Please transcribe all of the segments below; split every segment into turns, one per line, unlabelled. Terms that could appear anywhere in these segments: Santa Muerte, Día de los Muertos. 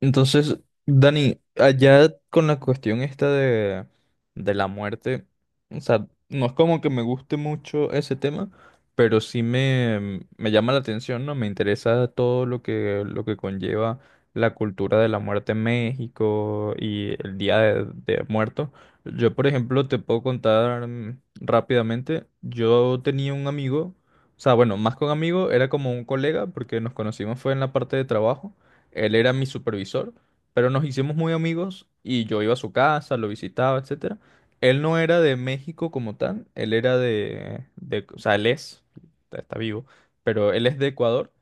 Entonces, Dani, allá con la cuestión esta de la muerte, o sea, no es como que me guste mucho ese tema, pero sí me llama la atención, ¿no? Me interesa todo lo que conlleva la cultura de la muerte en México y el Día de Muertos. Yo, por ejemplo, te puedo contar rápidamente, yo tenía un amigo, o sea, bueno, más que un amigo, era como un colega, porque nos conocimos fue en la parte de trabajo. Él era mi supervisor, pero nos hicimos muy amigos y yo iba a su casa, lo visitaba, etcétera. Él no era de México como tal, él era de, o sea, él es, está vivo, pero él es de Ecuador,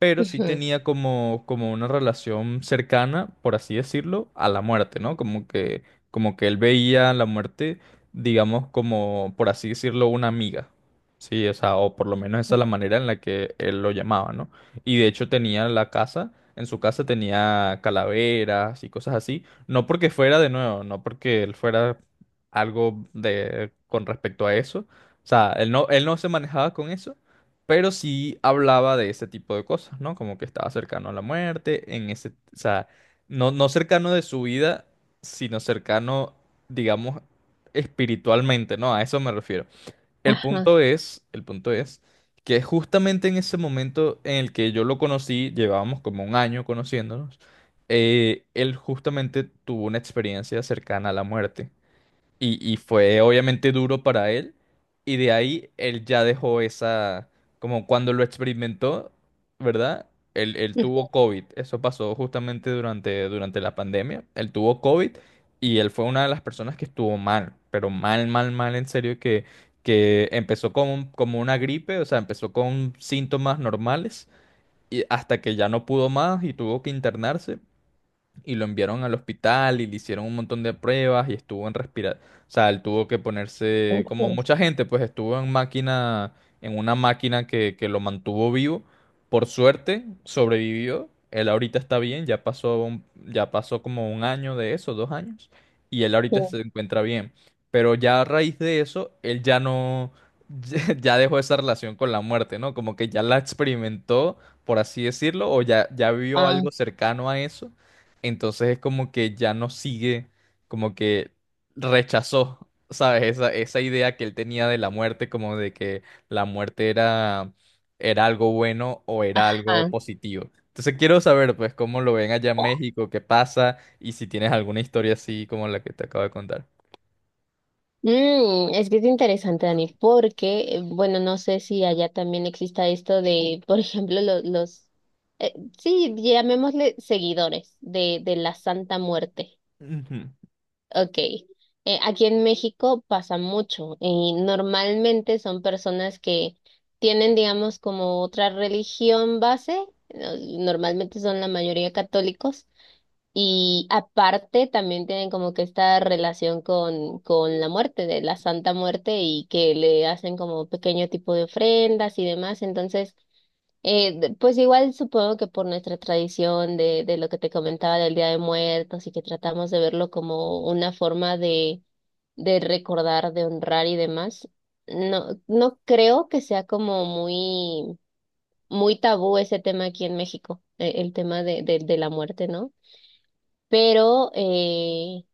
pero sí
Ujú.
tenía como, como una relación cercana, por así decirlo, a la muerte, ¿no? Como que él veía la muerte, digamos, como, por así decirlo, una amiga. Sí, o sea, o por lo menos esa es la manera en la que él lo llamaba, ¿no? Y de hecho tenía la casa, en su casa tenía calaveras y cosas así, no porque fuera de nuevo, no porque él fuera algo de con respecto a eso, o sea, él no se manejaba con eso, pero sí hablaba de ese tipo de cosas, ¿no? Como que estaba cercano a la muerte, en ese, o sea, no, no cercano de su vida, sino cercano, digamos, espiritualmente, ¿no? A eso me refiero.
Ajá.
El punto es que justamente en ese momento en el que yo lo conocí, llevábamos como un año conociéndonos, él justamente tuvo una experiencia cercana a la muerte. Y fue obviamente duro para él. Y de ahí él ya dejó esa, como cuando lo experimentó, ¿verdad? Él tuvo COVID. Eso pasó justamente durante, durante la pandemia. Él tuvo COVID y él fue una de las personas que estuvo mal, pero mal, mal, mal, en serio, que empezó como, como una gripe, o sea, empezó con síntomas normales y hasta que ya no pudo más y tuvo que internarse y lo enviaron al hospital y le hicieron un montón de pruebas y estuvo en respirar, o sea, él tuvo que ponerse, como
Ujú.
mucha gente, pues estuvo en máquina, en una máquina que lo mantuvo vivo. Por suerte, sobrevivió. Él ahorita está bien, ya pasó ya pasó como un año de eso, dos años, y él
Sí.
ahorita se encuentra bien. Pero ya a raíz de eso, él ya no, ya dejó esa relación con la muerte, ¿no? Como que ya la experimentó, por así decirlo, o ya, ya vio
Ah.
algo cercano a eso, entonces es como que ya no sigue, como que rechazó, ¿sabes? Esa idea que él tenía de la muerte, como de que la muerte era, era algo bueno o era algo
Ajá.
positivo. Entonces quiero saber, pues, cómo lo ven allá en México, qué pasa y si tienes alguna historia así como la que te acabo de contar.
Es que es interesante, Dani, porque, bueno, no sé si allá también exista esto de, por ejemplo, los, eh, sí, llamémosle seguidores de la Santa Muerte.
Ujú.
Ok. Aquí en México pasa mucho y normalmente son personas que tienen, digamos, como otra religión base, no- normalmente son la mayoría católicos. Y aparte también tienen como que esta relación con la muerte, de la Santa Muerte, y que le hacen como pequeño tipo de ofrendas y demás. Entonces, pues igual supongo que por nuestra tradición de lo que te comentaba del Día de Muertos y que tratamos de verlo como una forma de recordar, de honrar y demás, no, no creo que sea como muy, muy tabú ese tema aquí en México, el tema de la muerte, ¿no? Pero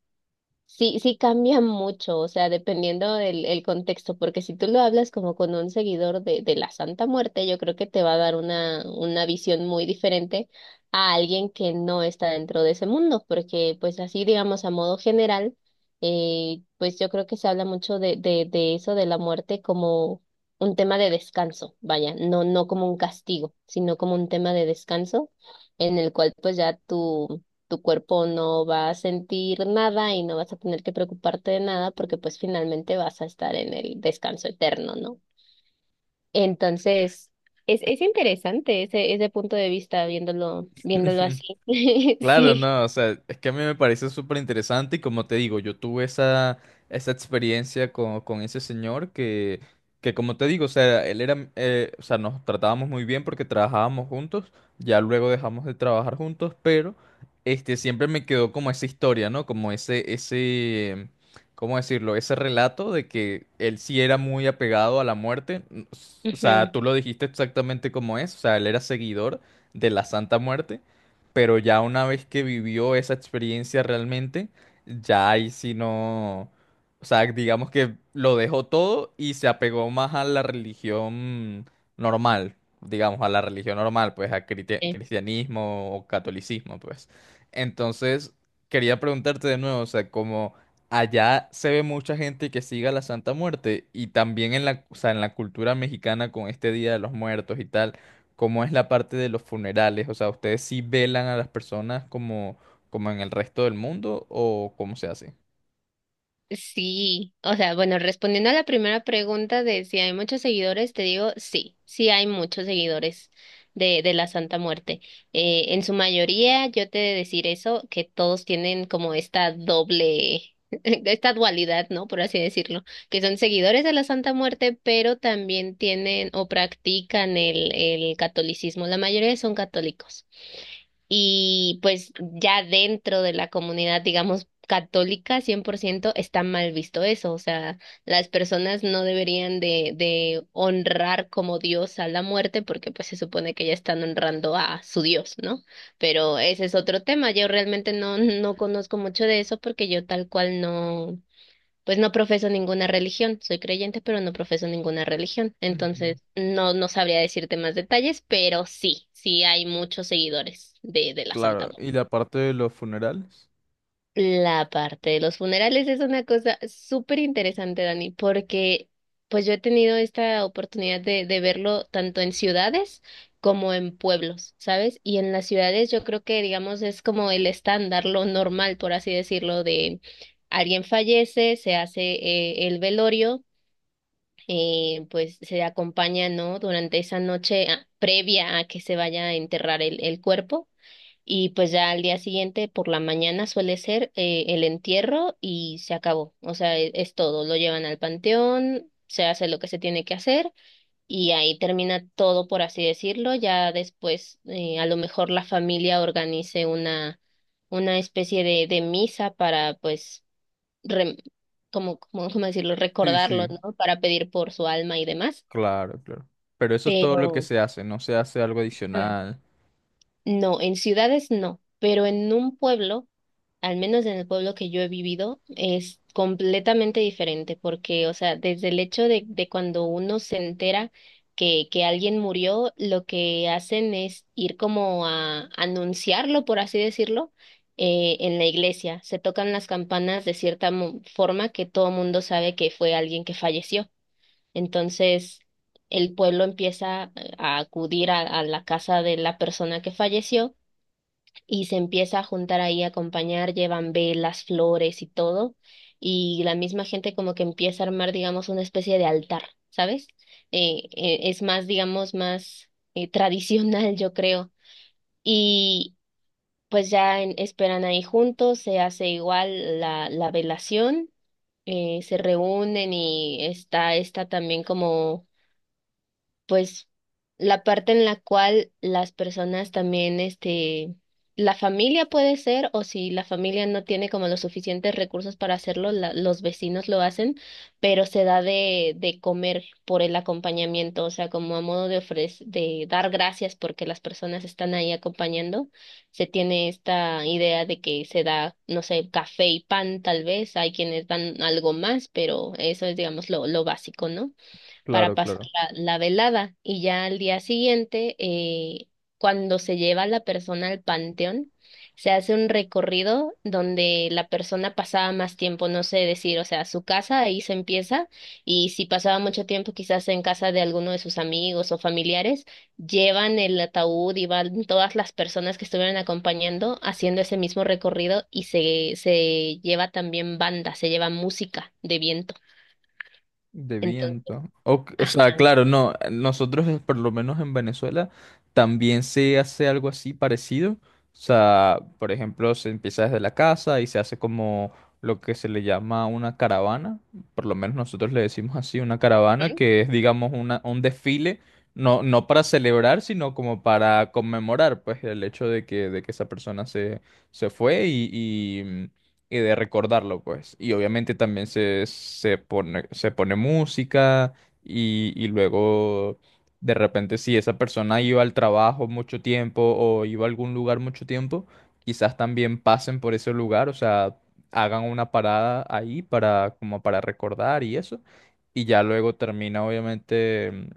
sí, sí cambia mucho, o sea, dependiendo del el contexto, porque si tú lo hablas como con un seguidor de la Santa Muerte, yo creo que te va a dar una visión muy diferente a alguien que no está dentro de ese mundo, porque pues así, digamos, a modo general, pues yo creo que se habla mucho de eso, de la muerte como un tema de descanso, vaya, no, no como un castigo, sino como un tema de descanso en el cual pues ya tú tu cuerpo no va a sentir nada y no vas a tener que preocuparte de nada porque pues finalmente vas a estar en el descanso eterno, ¿no? Entonces, es interesante ese, ese punto de vista viéndolo, viéndolo así.
Claro,
Sí.
no, o sea, es que a mí me parece súper interesante y como te digo, yo tuve esa, esa experiencia con ese señor que como te digo, o sea, él era, o sea, nos tratábamos muy bien porque trabajábamos juntos, ya luego dejamos de trabajar juntos, pero este siempre me quedó como esa historia, ¿no? Como ese, ¿cómo decirlo? Ese relato de que él sí era muy apegado a la muerte, o sea,
Ujú.
tú lo dijiste exactamente como es, o sea, él era seguidor de la Santa Muerte, pero ya una vez que vivió esa experiencia realmente, ya ahí sí no, o sea, digamos que lo dejó todo y se apegó más a la religión normal, digamos, a la religión normal, pues a cristianismo o catolicismo, pues. Entonces, quería preguntarte de nuevo, o sea, como allá se ve mucha gente que siga la Santa Muerte y también en la, o sea, en la cultura mexicana con este Día de los Muertos y tal, ¿cómo es la parte de los funerales? O sea, ¿ustedes sí velan a las personas como, como en el resto del mundo o cómo se hace?
Sí, o sea, bueno, respondiendo a la primera pregunta de si hay muchos seguidores, te digo sí, sí hay muchos seguidores de la Santa Muerte. En su mayoría, yo te he de decir eso, que todos tienen como esta doble, esta dualidad, ¿no? Por así decirlo, que son seguidores de la Santa Muerte, pero también tienen o practican el catolicismo. La mayoría son católicos y pues ya dentro de la comunidad, digamos, católica, 100% está mal visto eso, o sea, las personas no deberían de honrar como Dios a la muerte porque pues se supone que ya están honrando a su Dios, ¿no? Pero ese es otro tema, yo realmente no, no conozco mucho de eso porque yo tal cual no. Pues no profeso ninguna religión, soy creyente, pero no profeso ninguna religión.
Ujú.
Entonces, no, no sabría decirte más detalles, pero sí, sí hay muchos seguidores de la Santa
Claro,
Muerte.
¿y la parte de los funerales?
La parte de los funerales es una cosa súper interesante, Dani, porque pues yo he tenido esta oportunidad de verlo tanto en ciudades como en pueblos, ¿sabes? Y en las ciudades yo creo que, digamos, es como el estándar, lo normal, por así decirlo, de alguien fallece, se hace el velorio pues se acompaña, ¿no? Durante esa noche previa a que se vaya a enterrar el cuerpo y pues ya al día siguiente por la mañana suele ser el entierro y se acabó, o sea, es, todo, lo llevan al panteón, se hace lo que se tiene que hacer y ahí termina todo, por así decirlo, ya después a lo mejor la familia organice una especie de misa para pues re como, como, ¿cómo decirlo?
Sí,
Recordarlo,
sí,
¿no? Para pedir por su alma y demás.
claro, claro. Pero eso es todo lo que
Pero,
se hace, no se hace algo
Mm.
adicional.
No, en ciudades no, pero en un pueblo, al menos en el pueblo que yo he vivido, es completamente diferente, porque, o sea, desde el hecho de cuando uno se entera que alguien murió, lo que hacen es ir como a anunciarlo, por así decirlo, en la iglesia. Se tocan las campanas de cierta forma que todo mundo sabe que fue alguien que falleció. Entonces, el pueblo empieza a acudir a la casa de la persona que falleció y se empieza a juntar ahí a acompañar, llevan velas, flores y todo, y la misma gente como que empieza a armar, digamos, una especie de altar, ¿sabes? Es más, digamos, más tradicional, yo creo, y pues ya esperan ahí juntos, se hace igual la velación, se reúnen y está esta también como pues la parte en la cual las personas también, este, la familia puede ser, o si la familia no tiene como los suficientes recursos para hacerlo, los vecinos lo hacen, pero se da de comer por el acompañamiento, o sea, como a modo de ofrecer, de dar gracias porque las personas están ahí acompañando, se tiene esta idea de que se da, no sé, café y pan tal vez, hay quienes dan algo más, pero eso es, digamos, lo básico, ¿no? Para
Claro,
pasar
claro.
la velada y ya al día siguiente, cuando se lleva a la persona al panteón, se hace un recorrido donde la persona pasaba más tiempo, no sé decir, o sea, su casa ahí se empieza y si pasaba mucho tiempo quizás en casa de alguno de sus amigos o familiares, llevan el ataúd y van todas las personas que estuvieron acompañando haciendo ese mismo recorrido y se lleva también banda, se lleva música de viento.
De
Entonces,
viento. O sea,
ajá.
claro, no, nosotros por lo menos en Venezuela también se hace algo así parecido. O sea, por ejemplo, se empieza desde la casa y se hace como lo que se le llama una caravana. Por lo menos nosotros le decimos así, una caravana, que es, digamos, una, un desfile, no, no para celebrar, sino como para conmemorar, pues, el hecho de que esa persona se, se fue y de recordarlo, pues. Y obviamente también se, se pone música y luego de repente si esa persona iba al trabajo mucho tiempo o iba a algún lugar mucho tiempo, quizás también pasen por ese lugar, o sea, hagan una parada ahí para como para recordar y eso. Y ya luego termina obviamente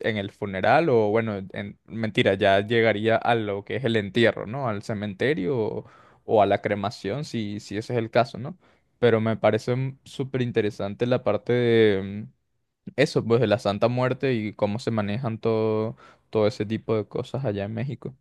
en el funeral o bueno, en, mentira, ya llegaría a lo que es el entierro, ¿no? Al cementerio o a la cremación, si, si ese es el caso, ¿no? Pero me parece súper interesante la parte de eso, pues de la Santa Muerte y cómo se manejan todo, todo ese tipo de cosas allá en México.